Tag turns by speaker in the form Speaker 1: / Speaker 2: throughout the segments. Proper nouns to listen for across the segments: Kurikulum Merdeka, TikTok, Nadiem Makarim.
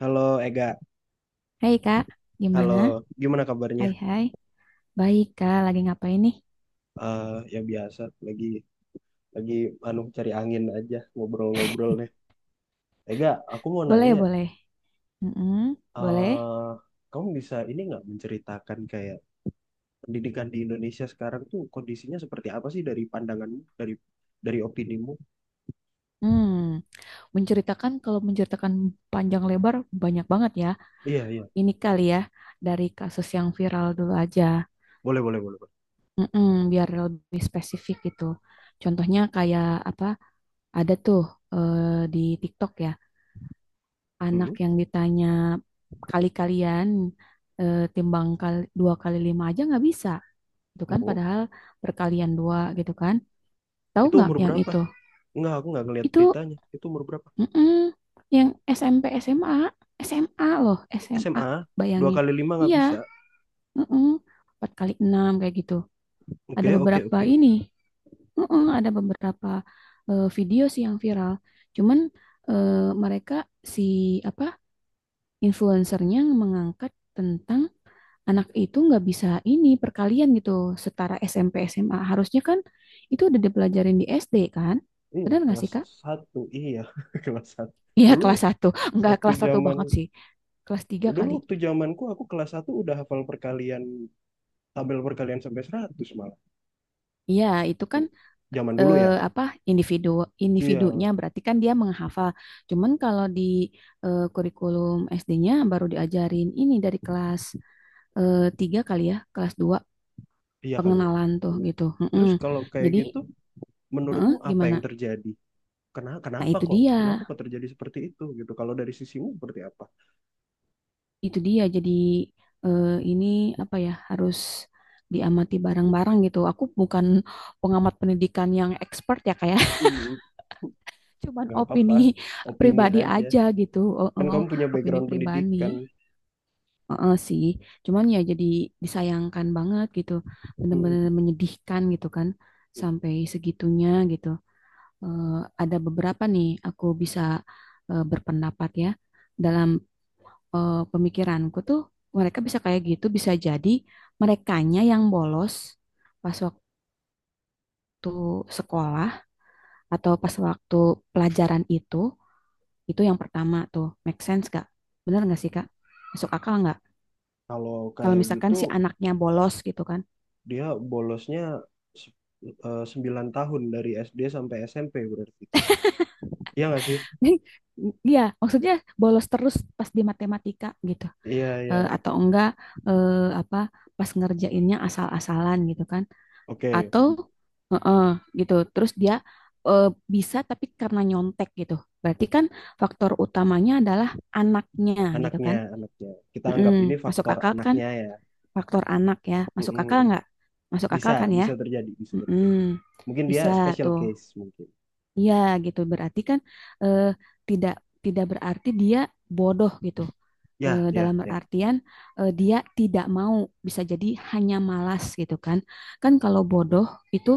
Speaker 1: Halo Ega,
Speaker 2: Hai Kak,
Speaker 1: halo.
Speaker 2: gimana?
Speaker 1: Gimana kabarnya?
Speaker 2: Hai hai, baik Kak, lagi ngapain nih?
Speaker 1: Eh ya biasa, lagi lagi anu cari angin aja, ngobrol-ngobrol deh. Ega, aku mau
Speaker 2: Boleh,
Speaker 1: nanya,
Speaker 2: boleh. Mm-mm, boleh.
Speaker 1: eh kamu bisa ini nggak menceritakan kayak pendidikan di Indonesia sekarang tuh kondisinya seperti apa sih dari pandanganmu, dari opinimu?
Speaker 2: Hmm, menceritakan panjang lebar banyak banget ya.
Speaker 1: Iya, iya,
Speaker 2: Ini kali ya, dari kasus yang viral dulu aja.
Speaker 1: boleh, boleh, boleh, boleh.
Speaker 2: Mm-mm, biar lebih spesifik gitu. Contohnya kayak apa? Ada tuh, eh, di TikTok ya, anak
Speaker 1: Mhm.
Speaker 2: yang ditanya kali-kalian timbang kali, dua kali lima aja nggak bisa, gitu kan.
Speaker 1: Oh,
Speaker 2: Padahal berkalian dua gitu kan. Tahu
Speaker 1: itu
Speaker 2: nggak
Speaker 1: umur
Speaker 2: yang
Speaker 1: berapa?
Speaker 2: itu?
Speaker 1: Enggak, aku nggak ngeliat
Speaker 2: Itu
Speaker 1: beritanya. Itu umur berapa?
Speaker 2: mm-mm, yang SMP, SMA, SMA loh, SMA,
Speaker 1: SMA, dua
Speaker 2: bayangin.
Speaker 1: kali lima nggak
Speaker 2: Iya,
Speaker 1: bisa.
Speaker 2: mm-mm, empat kali enam kayak gitu. Ada
Speaker 1: Oke, oke,
Speaker 2: beberapa
Speaker 1: oke.
Speaker 2: ini, mm-mm, ada beberapa, video sih yang viral. Cuman, eh, mereka, si apa, influencernya mengangkat tentang anak itu nggak bisa ini, perkalian gitu, setara SMP SMA harusnya kan. Itu udah dipelajarin di SD kan,
Speaker 1: Iya
Speaker 2: benar nggak sih
Speaker 1: kelas
Speaker 2: Kak?
Speaker 1: satu, iya kelas satu
Speaker 2: Iya
Speaker 1: dulu.
Speaker 2: kelas satu, nggak
Speaker 1: Waktu
Speaker 2: kelas satu
Speaker 1: zaman
Speaker 2: banget sih, kelas tiga kali.
Speaker 1: waktu zamanku aku kelas satu udah hafal perkalian tabel perkalian sampai 100 malah.
Speaker 2: Iya itu kan,
Speaker 1: Zaman dulu ya.
Speaker 2: apa, individu individunya,
Speaker 1: Iya,
Speaker 2: berarti kan dia menghafal. Cuman kalau di, kurikulum SD-nya baru diajarin ini dari kelas, 3 kali ya, kelas dua,
Speaker 1: iya kali ya.
Speaker 2: pengenalan tuh
Speaker 1: Iya.
Speaker 2: gitu. Mm-mm.
Speaker 1: Terus kalau kayak
Speaker 2: Jadi,
Speaker 1: gitu menurutmu apa yang
Speaker 2: gimana.
Speaker 1: terjadi? Kenapa
Speaker 2: Nah,
Speaker 1: kenapa
Speaker 2: itu
Speaker 1: kok?
Speaker 2: dia.
Speaker 1: Kenapa kok terjadi seperti itu gitu? Kalau dari sisimu seperti apa?
Speaker 2: Itu dia, jadi, ini apa ya, harus diamati bareng-bareng gitu. Aku bukan pengamat pendidikan yang expert ya, kayak
Speaker 1: Hmm,
Speaker 2: cuman
Speaker 1: nggak apa-apa.
Speaker 2: opini
Speaker 1: Opini
Speaker 2: pribadi
Speaker 1: aja.
Speaker 2: aja gitu. Oh,
Speaker 1: Kan
Speaker 2: oh,
Speaker 1: kamu punya
Speaker 2: opini
Speaker 1: background
Speaker 2: pribadi.
Speaker 1: pendidikan.
Speaker 2: Oh, oh, sih. Cuman ya, jadi disayangkan banget gitu. Bener-bener menyedihkan gitu kan,
Speaker 1: Hmm.
Speaker 2: sampai segitunya gitu. Eh, ada beberapa nih aku bisa, berpendapat ya. Dalam, pemikiranku tuh, mereka bisa kayak gitu bisa jadi merekanya yang bolos pas waktu sekolah, atau pas waktu pelajaran itu. Itu yang pertama tuh, make sense gak? Bener gak sih Kak? Masuk akal nggak?
Speaker 1: Kalau
Speaker 2: Kalau
Speaker 1: kayak
Speaker 2: misalkan
Speaker 1: gitu
Speaker 2: si anaknya bolos gitu kan.
Speaker 1: dia bolosnya se- 9 tahun dari SD sampai SMP berarti. Iya nggak sih?
Speaker 2: Iya, maksudnya bolos terus pas di matematika gitu.
Speaker 1: Iya, iya.
Speaker 2: Atau enggak, eh, apa, pas ngerjainnya asal-asalan gitu kan.
Speaker 1: Oke.
Speaker 2: Atau heeh, gitu. Terus dia, eh, bisa tapi karena nyontek gitu. Berarti kan faktor utamanya adalah anaknya gitu
Speaker 1: Anaknya,
Speaker 2: kan.
Speaker 1: anaknya. Kita
Speaker 2: Mm-mm.
Speaker 1: anggap ini
Speaker 2: Masuk
Speaker 1: faktor
Speaker 2: akal kan,
Speaker 1: anaknya ya.
Speaker 2: faktor anak ya. Masuk akal
Speaker 1: Mm-mm.
Speaker 2: nggak? Masuk akal
Speaker 1: Bisa,
Speaker 2: kan ya?
Speaker 1: bisa terjadi, bisa terjadi.
Speaker 2: Mm-mm.
Speaker 1: Mungkin dia
Speaker 2: Bisa
Speaker 1: special
Speaker 2: tuh.
Speaker 1: case mungkin.
Speaker 2: Iya gitu, berarti kan, eh, tidak tidak berarti dia bodoh gitu.
Speaker 1: Ya, ya,
Speaker 2: Dalam
Speaker 1: ya.
Speaker 2: artian, dia tidak mau, bisa jadi hanya malas gitu kan. Kan kalau bodoh itu,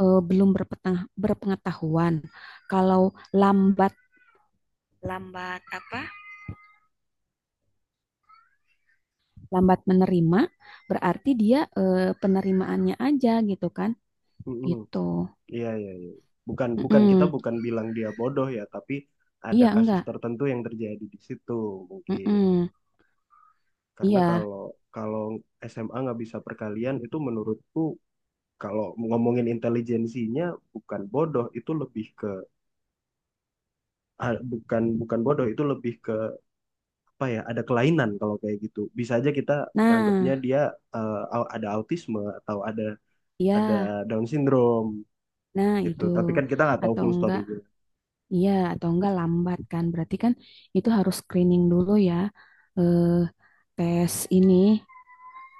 Speaker 2: belum berpengetahuan. Kalau lambat, lambat apa lambat menerima, berarti dia, eh, penerimaannya aja gitu kan,
Speaker 1: Mm-mm.
Speaker 2: gitu.
Speaker 1: Iya, iya, iya. Bukan kita
Speaker 2: Mm-mm.
Speaker 1: bukan bilang dia bodoh ya, tapi ada
Speaker 2: Iya
Speaker 1: kasus
Speaker 2: enggak.
Speaker 1: tertentu yang terjadi di situ mungkin.
Speaker 2: Mm-mm.
Speaker 1: Karena
Speaker 2: Iya,
Speaker 1: kalau kalau SMA nggak bisa perkalian itu menurutku kalau ngomongin intelijensinya bukan bodoh, itu lebih ke ah, bukan bukan bodoh, itu lebih ke apa ya, ada kelainan kalau kayak gitu bisa aja kita nganggapnya
Speaker 2: nah,
Speaker 1: dia eh, ada autisme atau ada
Speaker 2: iya.
Speaker 1: ada Down syndrome
Speaker 2: Nah,
Speaker 1: gitu,
Speaker 2: itu
Speaker 1: tapi kan kita nggak tahu
Speaker 2: atau
Speaker 1: full
Speaker 2: enggak,
Speaker 1: story-nya.
Speaker 2: iya, atau enggak lambat kan? Berarti kan itu harus screening dulu ya, eh, tes ini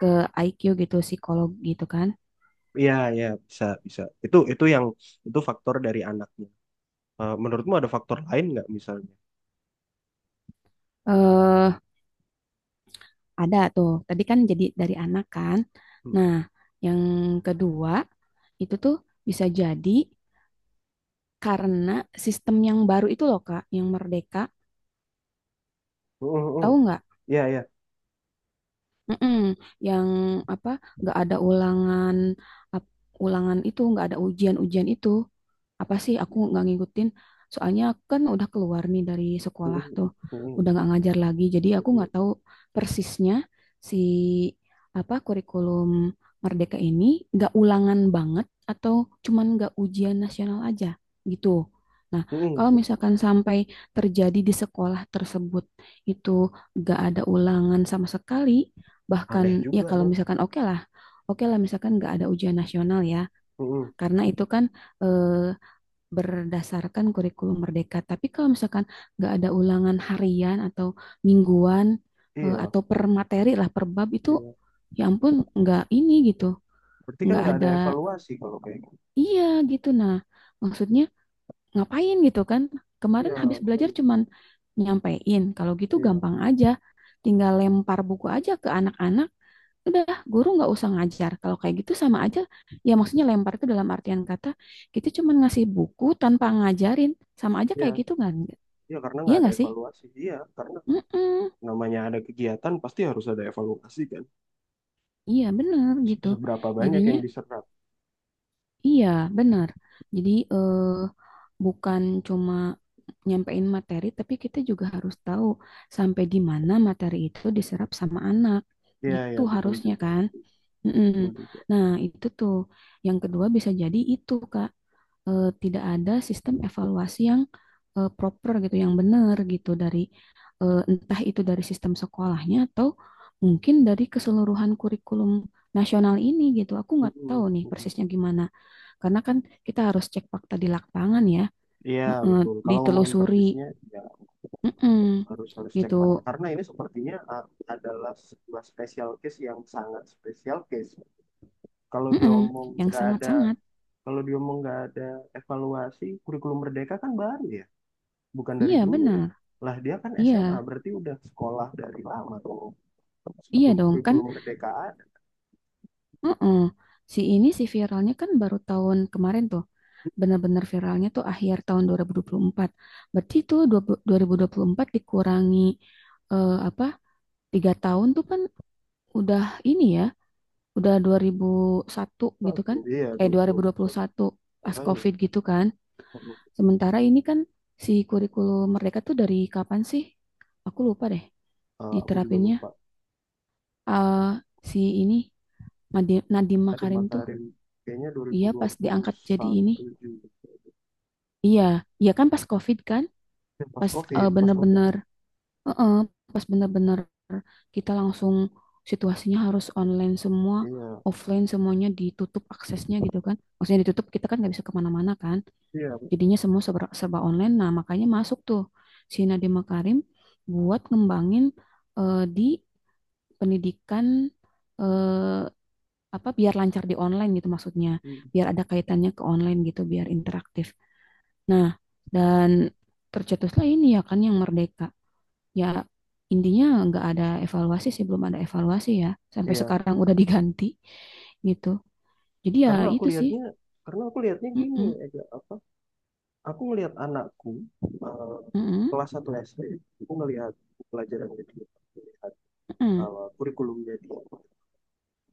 Speaker 2: ke IQ gitu, psikolog gitu kan?
Speaker 1: Iya, iya, bisa bisa itu yang itu faktor dari anaknya. Menurutmu ada faktor lain nggak misalnya?
Speaker 2: Eh, ada tuh. Tadi kan jadi dari anak kan.
Speaker 1: Hmm.
Speaker 2: Nah, yang kedua itu tuh bisa jadi karena sistem yang baru itu loh, Kak, yang merdeka.
Speaker 1: Hmm, hmm, hmm.
Speaker 2: Tahu nggak?
Speaker 1: Iya, iya.
Speaker 2: Mm-mm. Yang apa, nggak ada ulangan, ap- ulangan itu, nggak ada ujian-ujian itu apa sih, aku nggak ngikutin. Soalnya aku kan udah keluar nih dari sekolah
Speaker 1: Hmm,
Speaker 2: tuh,
Speaker 1: hmm,
Speaker 2: udah nggak ngajar lagi, jadi aku
Speaker 1: hmm,
Speaker 2: nggak tahu persisnya si apa, kurikulum Merdeka ini, nggak ulangan banget, atau cuman nggak ujian nasional aja gitu. Nah,
Speaker 1: hmm,
Speaker 2: kalau
Speaker 1: hmm.
Speaker 2: misalkan sampai terjadi di sekolah tersebut itu nggak ada ulangan sama sekali,
Speaker 1: Aneh
Speaker 2: bahkan ya
Speaker 1: juga
Speaker 2: kalau
Speaker 1: dong.
Speaker 2: misalkan oke lah, oke lah misalkan nggak ada ujian nasional ya,
Speaker 1: Hmm, hmm.
Speaker 2: karena itu kan, eh, berdasarkan kurikulum merdeka. Tapi kalau misalkan nggak ada ulangan harian atau mingguan,
Speaker 1: Iya,
Speaker 2: atau per materi lah, per bab itu,
Speaker 1: iya,
Speaker 2: ya ampun, nggak ini gitu.
Speaker 1: berarti kan
Speaker 2: Nggak
Speaker 1: nggak ada
Speaker 2: ada,
Speaker 1: evaluasi kalau kayak gitu.
Speaker 2: iya gitu. Nah, maksudnya ngapain gitu kan,
Speaker 1: Iya
Speaker 2: kemarin habis belajar
Speaker 1: makanya.
Speaker 2: cuman nyampein kalau gitu
Speaker 1: Iya,
Speaker 2: gampang aja, tinggal lempar buku aja ke anak-anak, udah, guru nggak usah ngajar kalau kayak gitu, sama aja ya. Maksudnya lempar itu dalam artian kata, kita cuma ngasih buku tanpa ngajarin, sama aja kayak
Speaker 1: iya,
Speaker 2: gitu kan,
Speaker 1: iya, karena
Speaker 2: iya
Speaker 1: nggak ada
Speaker 2: nggak sih?
Speaker 1: evaluasi, iya karena
Speaker 2: Mm-mm.
Speaker 1: namanya ada kegiatan pasti harus ada evaluasi kan.
Speaker 2: Iya bener gitu,
Speaker 1: Seberapa banyak
Speaker 2: jadinya,
Speaker 1: yang diserap.
Speaker 2: iya bener. Jadi, bukan cuma nyampein materi, tapi kita juga harus tahu sampai di mana materi itu diserap sama anak,
Speaker 1: Iya
Speaker 2: gitu
Speaker 1: ya, betul
Speaker 2: harusnya
Speaker 1: juga,
Speaker 2: kan. Mm-mm.
Speaker 1: betul juga.
Speaker 2: Nah, itu tuh yang kedua bisa jadi itu, Kak. Tidak ada sistem evaluasi yang, proper gitu, yang benar gitu, dari, entah itu dari sistem sekolahnya, atau mungkin dari keseluruhan kurikulum nasional ini gitu. Aku nggak tahu
Speaker 1: Mm-mm,
Speaker 2: nih
Speaker 1: mm-mm.
Speaker 2: persisnya gimana. Karena kan kita harus cek fakta di lapangan ya,
Speaker 1: Iya
Speaker 2: heeh,
Speaker 1: betul, kalau ngomongin
Speaker 2: ditelusuri.
Speaker 1: persisnya ya
Speaker 2: Mm-mm.
Speaker 1: harus harus cek
Speaker 2: Gitu.
Speaker 1: fakta karena ini sepertinya adalah sebuah special case yang sangat special case, kalau
Speaker 2: Mm-mm.
Speaker 1: diomong
Speaker 2: Yang
Speaker 1: nggak ada
Speaker 2: sangat-sangat,
Speaker 1: kalau diomong nggak ada evaluasi. Kurikulum merdeka kan baru ya, bukan dari
Speaker 2: iya
Speaker 1: dulu ya,
Speaker 2: benar,
Speaker 1: lah dia kan
Speaker 2: iya,
Speaker 1: SMA berarti udah sekolah dari lama tuh
Speaker 2: iya
Speaker 1: sebelum
Speaker 2: dong kan.
Speaker 1: kurikulum merdeka ada.
Speaker 2: Heeh. Si ini, si viralnya kan baru tahun kemarin tuh. Benar-benar viralnya tuh akhir tahun 2024. Berarti tuh 2024 dikurangi, apa? 3 tahun tuh kan, udah ini ya, udah 2001 gitu kan?
Speaker 1: Betul, iya,
Speaker 2: Eh 2021, pas
Speaker 1: makanya.
Speaker 2: COVID gitu kan. Sementara ini kan si kurikulum Merdeka tuh dari kapan sih? Aku lupa deh
Speaker 1: Aku juga
Speaker 2: diterapinnya.
Speaker 1: lupa.
Speaker 2: Eh si ini, Nadiem
Speaker 1: Ada
Speaker 2: Makarim tuh,
Speaker 1: Matarin kayaknya
Speaker 2: iya pas diangkat jadi ini.
Speaker 1: 2021 juga.
Speaker 2: Iya, iya kan pas COVID kan,
Speaker 1: Pas
Speaker 2: pas,
Speaker 1: COVID, pas COVID.
Speaker 2: bener-bener, eh, pas bener-bener kita langsung, situasinya harus online semua,
Speaker 1: Iya,
Speaker 2: offline semuanya ditutup aksesnya gitu kan. Maksudnya ditutup, kita kan nggak bisa kemana-mana kan.
Speaker 1: iya,
Speaker 2: Jadinya semua serba, serba online. Nah makanya masuk tuh si Nadiem Makarim buat ngembangin, di pendidikan, eh, apa, biar lancar di online gitu maksudnya,
Speaker 1: hmm,
Speaker 2: biar ada kaitannya ke online gitu, biar interaktif. Nah, dan tercetuslah ini ya kan, yang merdeka. Ya, intinya nggak ada evaluasi sih, belum ada evaluasi ya. Sampai
Speaker 1: iya.
Speaker 2: sekarang udah diganti gitu. Jadi ya
Speaker 1: Karena aku
Speaker 2: itu sih.
Speaker 1: lihatnya, gini
Speaker 2: Mm-mm,
Speaker 1: aja apa? Aku ngelihat anakku, eh,
Speaker 2: mm-mm,
Speaker 1: kelas 1 SD, aku ngelihat pelajarannya dia, aku ngelihat
Speaker 2: mm-mm,
Speaker 1: kurikulumnya dia.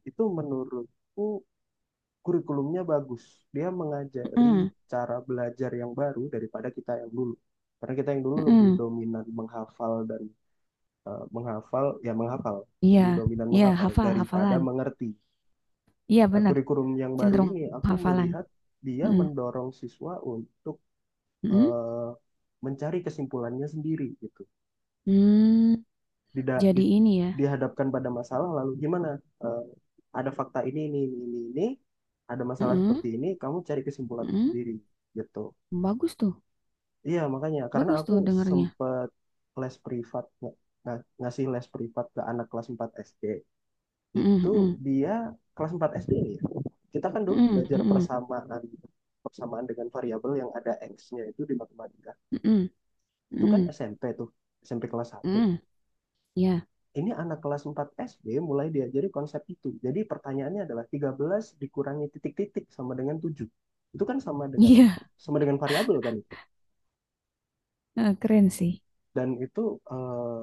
Speaker 1: Itu menurutku kurikulumnya bagus. Dia mengajari
Speaker 2: mm-mm,
Speaker 1: cara belajar yang baru daripada kita yang dulu. Karena kita yang dulu lebih
Speaker 2: mm-mm.
Speaker 1: dominan menghafal dan menghafal, ya menghafal,
Speaker 2: Iya,
Speaker 1: lebih dominan
Speaker 2: iya
Speaker 1: menghafal
Speaker 2: hafal,
Speaker 1: daripada
Speaker 2: hafalan.
Speaker 1: mengerti.
Speaker 2: Iya
Speaker 1: Nah,
Speaker 2: benar,
Speaker 1: kurikulum yang baru
Speaker 2: cenderung
Speaker 1: ini aku
Speaker 2: hafalan.
Speaker 1: melihat dia
Speaker 2: Mm-mm,
Speaker 1: mendorong siswa untuk
Speaker 2: mm-mm.
Speaker 1: eh, mencari kesimpulannya sendiri gitu.
Speaker 2: Hmm,
Speaker 1: Tidak
Speaker 2: jadi ini ya.
Speaker 1: dihadapkan pada masalah lalu gimana? Eh, ada fakta ini, ada masalah
Speaker 2: Mm-mm,
Speaker 1: seperti ini, kamu cari kesimpulan
Speaker 2: mm-mm.
Speaker 1: sendiri gitu.
Speaker 2: Bagus tuh,
Speaker 1: Iya, makanya karena
Speaker 2: bagus
Speaker 1: aku
Speaker 2: tuh dengernya.
Speaker 1: sempet les privat ngasih les privat ke anak kelas 4 SD.
Speaker 2: Mm-mm,
Speaker 1: Itu
Speaker 2: mm-mm,
Speaker 1: dia kelas 4 SD ini ya. Kita kan dulu
Speaker 2: mm-mm,
Speaker 1: belajar
Speaker 2: mm-mm,
Speaker 1: persamaan persamaan dengan variabel yang ada X-nya itu di matematika.
Speaker 2: mm-mm,
Speaker 1: Itu kan
Speaker 2: mm-mm,
Speaker 1: SMP tuh, SMP kelas satu.
Speaker 2: mm-mm. Ya.
Speaker 1: Ini anak kelas 4 SD mulai diajari konsep itu. Jadi pertanyaannya adalah 13 dikurangi titik-titik sama dengan 7. Itu kan sama dengan
Speaker 2: Iya,
Speaker 1: sama dengan variabel kan itu.
Speaker 2: heeh, keren sih.
Speaker 1: Dan itu eh,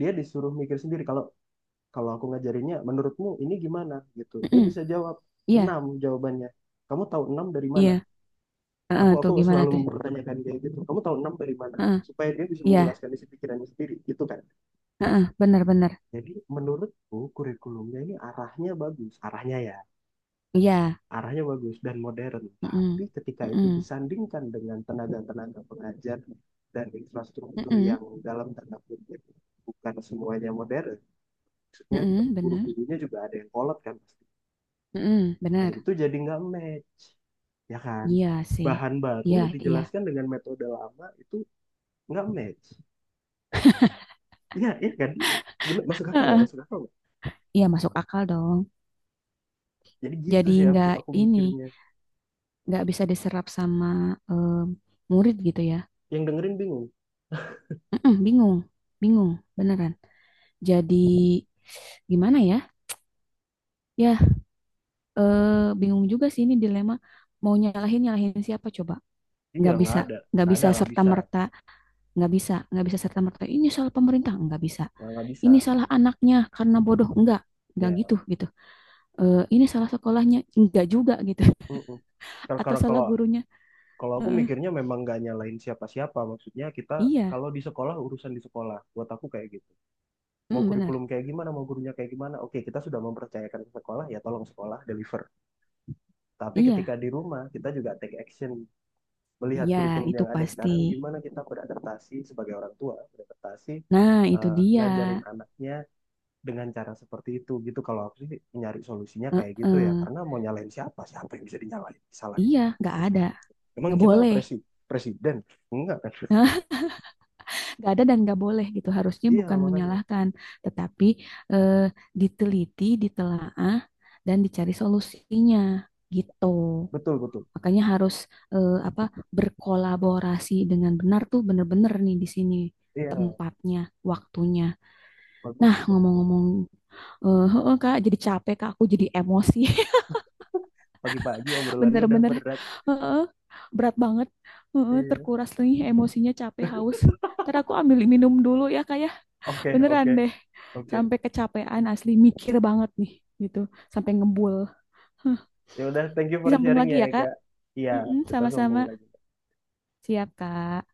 Speaker 1: dia disuruh mikir sendiri kalau kalau aku ngajarinnya menurutmu ini gimana gitu dia
Speaker 2: Mm-mm,
Speaker 1: bisa jawab
Speaker 2: iya,
Speaker 1: 6 jawabannya, kamu tahu 6 dari mana?
Speaker 2: iya.
Speaker 1: aku
Speaker 2: Heeh, tuh
Speaker 1: aku
Speaker 2: gimana
Speaker 1: selalu
Speaker 2: tuh?
Speaker 1: mempertanyakan dia gitu, kamu tahu 6 dari mana,
Speaker 2: Heeh,
Speaker 1: supaya dia bisa
Speaker 2: iya,
Speaker 1: menjelaskan isi pikirannya sendiri gitu kan.
Speaker 2: heeh, benar-benar.
Speaker 1: Jadi menurutku kurikulumnya ini arahnya bagus, arahnya ya,
Speaker 2: Iya.
Speaker 1: arahnya bagus dan modern, tapi
Speaker 2: Mm-mm,
Speaker 1: ketika itu
Speaker 2: mm-mm,
Speaker 1: disandingkan dengan tenaga-tenaga pengajar dan infrastruktur
Speaker 2: mm-mm,
Speaker 1: yang dalam tanda kutip bukan semuanya modern, maksudnya
Speaker 2: mm-mm, benar, benar iya,
Speaker 1: guru-gurunya juga ada yang kolot kan,
Speaker 2: mm mm mm mm benar, mm, benar.
Speaker 1: itu jadi nggak match ya kan,
Speaker 2: Iya sih.
Speaker 1: bahan baru
Speaker 2: Iya, iya.
Speaker 1: dijelaskan dengan metode lama itu nggak match, ya, ya kan. Iya. Bener, masuk akal nggak,
Speaker 2: Heeh,
Speaker 1: masuk akal nggak?
Speaker 2: iya, masuk akal dong.
Speaker 1: Jadi gitu
Speaker 2: Jadi
Speaker 1: sih, aku
Speaker 2: nggak
Speaker 1: aku
Speaker 2: ini,
Speaker 1: mikirnya,
Speaker 2: nggak bisa diserap sama, eh, murid gitu ya.
Speaker 1: yang dengerin bingung.
Speaker 2: Mm-mm, bingung, bingung, beneran. Jadi gimana ya? Ya, eh, bingung juga sih, ini dilema. Mau nyalahin, nyalahin siapa coba?
Speaker 1: Iya
Speaker 2: nggak
Speaker 1: nggak
Speaker 2: bisa
Speaker 1: ada
Speaker 2: nggak
Speaker 1: nggak ada
Speaker 2: bisa
Speaker 1: nggak
Speaker 2: serta
Speaker 1: bisa
Speaker 2: merta, nggak bisa serta merta ini salah pemerintah, nggak bisa
Speaker 1: nggak bisa
Speaker 2: ini salah anaknya karena bodoh, nggak
Speaker 1: ya.
Speaker 2: gitu gitu. Ini salah sekolahnya nggak juga gitu.
Speaker 1: Mm-mm. kalau
Speaker 2: Atau
Speaker 1: kalau
Speaker 2: salah
Speaker 1: kalau
Speaker 2: gurunya.
Speaker 1: kalau aku
Speaker 2: Heeh,
Speaker 1: mikirnya memang nggak nyalain siapa-siapa, maksudnya kita
Speaker 2: iya,
Speaker 1: kalau di sekolah, urusan di sekolah buat aku kayak gitu, mau
Speaker 2: mm, benar,
Speaker 1: kurikulum kayak gimana, mau gurunya kayak gimana, oke kita sudah mempercayakan ke sekolah ya, tolong sekolah deliver. Tapi ketika
Speaker 2: iya,
Speaker 1: di rumah, kita juga take action melihat
Speaker 2: iya
Speaker 1: kurikulum
Speaker 2: itu
Speaker 1: yang ada
Speaker 2: pasti,
Speaker 1: sekarang, gimana kita beradaptasi sebagai orang tua, beradaptasi
Speaker 2: nah itu dia.
Speaker 1: ngajarin anaknya dengan cara seperti itu gitu. Kalau aku sih nyari solusinya kayak gitu ya,
Speaker 2: Heeh,
Speaker 1: karena mau nyalain siapa? Siapa yang bisa dinyalain? Salahin.
Speaker 2: iya nggak ada,
Speaker 1: Emang
Speaker 2: nggak
Speaker 1: kita
Speaker 2: boleh,
Speaker 1: presiden? Enggak kan?
Speaker 2: nggak ada dan nggak boleh gitu. Harusnya
Speaker 1: Iya
Speaker 2: bukan
Speaker 1: makanya,
Speaker 2: menyalahkan, tetapi, eh, diteliti, ditelaah dan dicari solusinya gitu.
Speaker 1: betul, betul.
Speaker 2: Makanya harus, apa, berkolaborasi dengan benar tuh, bener-bener nih di sini
Speaker 1: Iya
Speaker 2: tempatnya, waktunya.
Speaker 1: bagus
Speaker 2: Nah,
Speaker 1: ini,
Speaker 2: ngomong-ngomong, heeh, Kak, jadi capek, Kak. Aku jadi emosi.
Speaker 1: pagi-pagi obrolannya udah
Speaker 2: Bener-bener
Speaker 1: berat.
Speaker 2: heeh, berat banget. Heeh,
Speaker 1: Iya.
Speaker 2: terkuras nih emosinya, capek, haus. Ntar aku ambil minum dulu ya, Kak, ya.
Speaker 1: Oke,
Speaker 2: Beneran
Speaker 1: oke,
Speaker 2: deh.
Speaker 1: oke.
Speaker 2: Sampai kecapean asli, mikir banget nih gitu. Sampai ngebul. Huh.
Speaker 1: Ya udah, thank you for
Speaker 2: Disambung
Speaker 1: sharing
Speaker 2: lagi
Speaker 1: ya
Speaker 2: ya, Kak.
Speaker 1: Ega. Iya,
Speaker 2: Mm-mm,
Speaker 1: kita
Speaker 2: sama-sama.
Speaker 1: sambung lagi.
Speaker 2: Siap, Kak.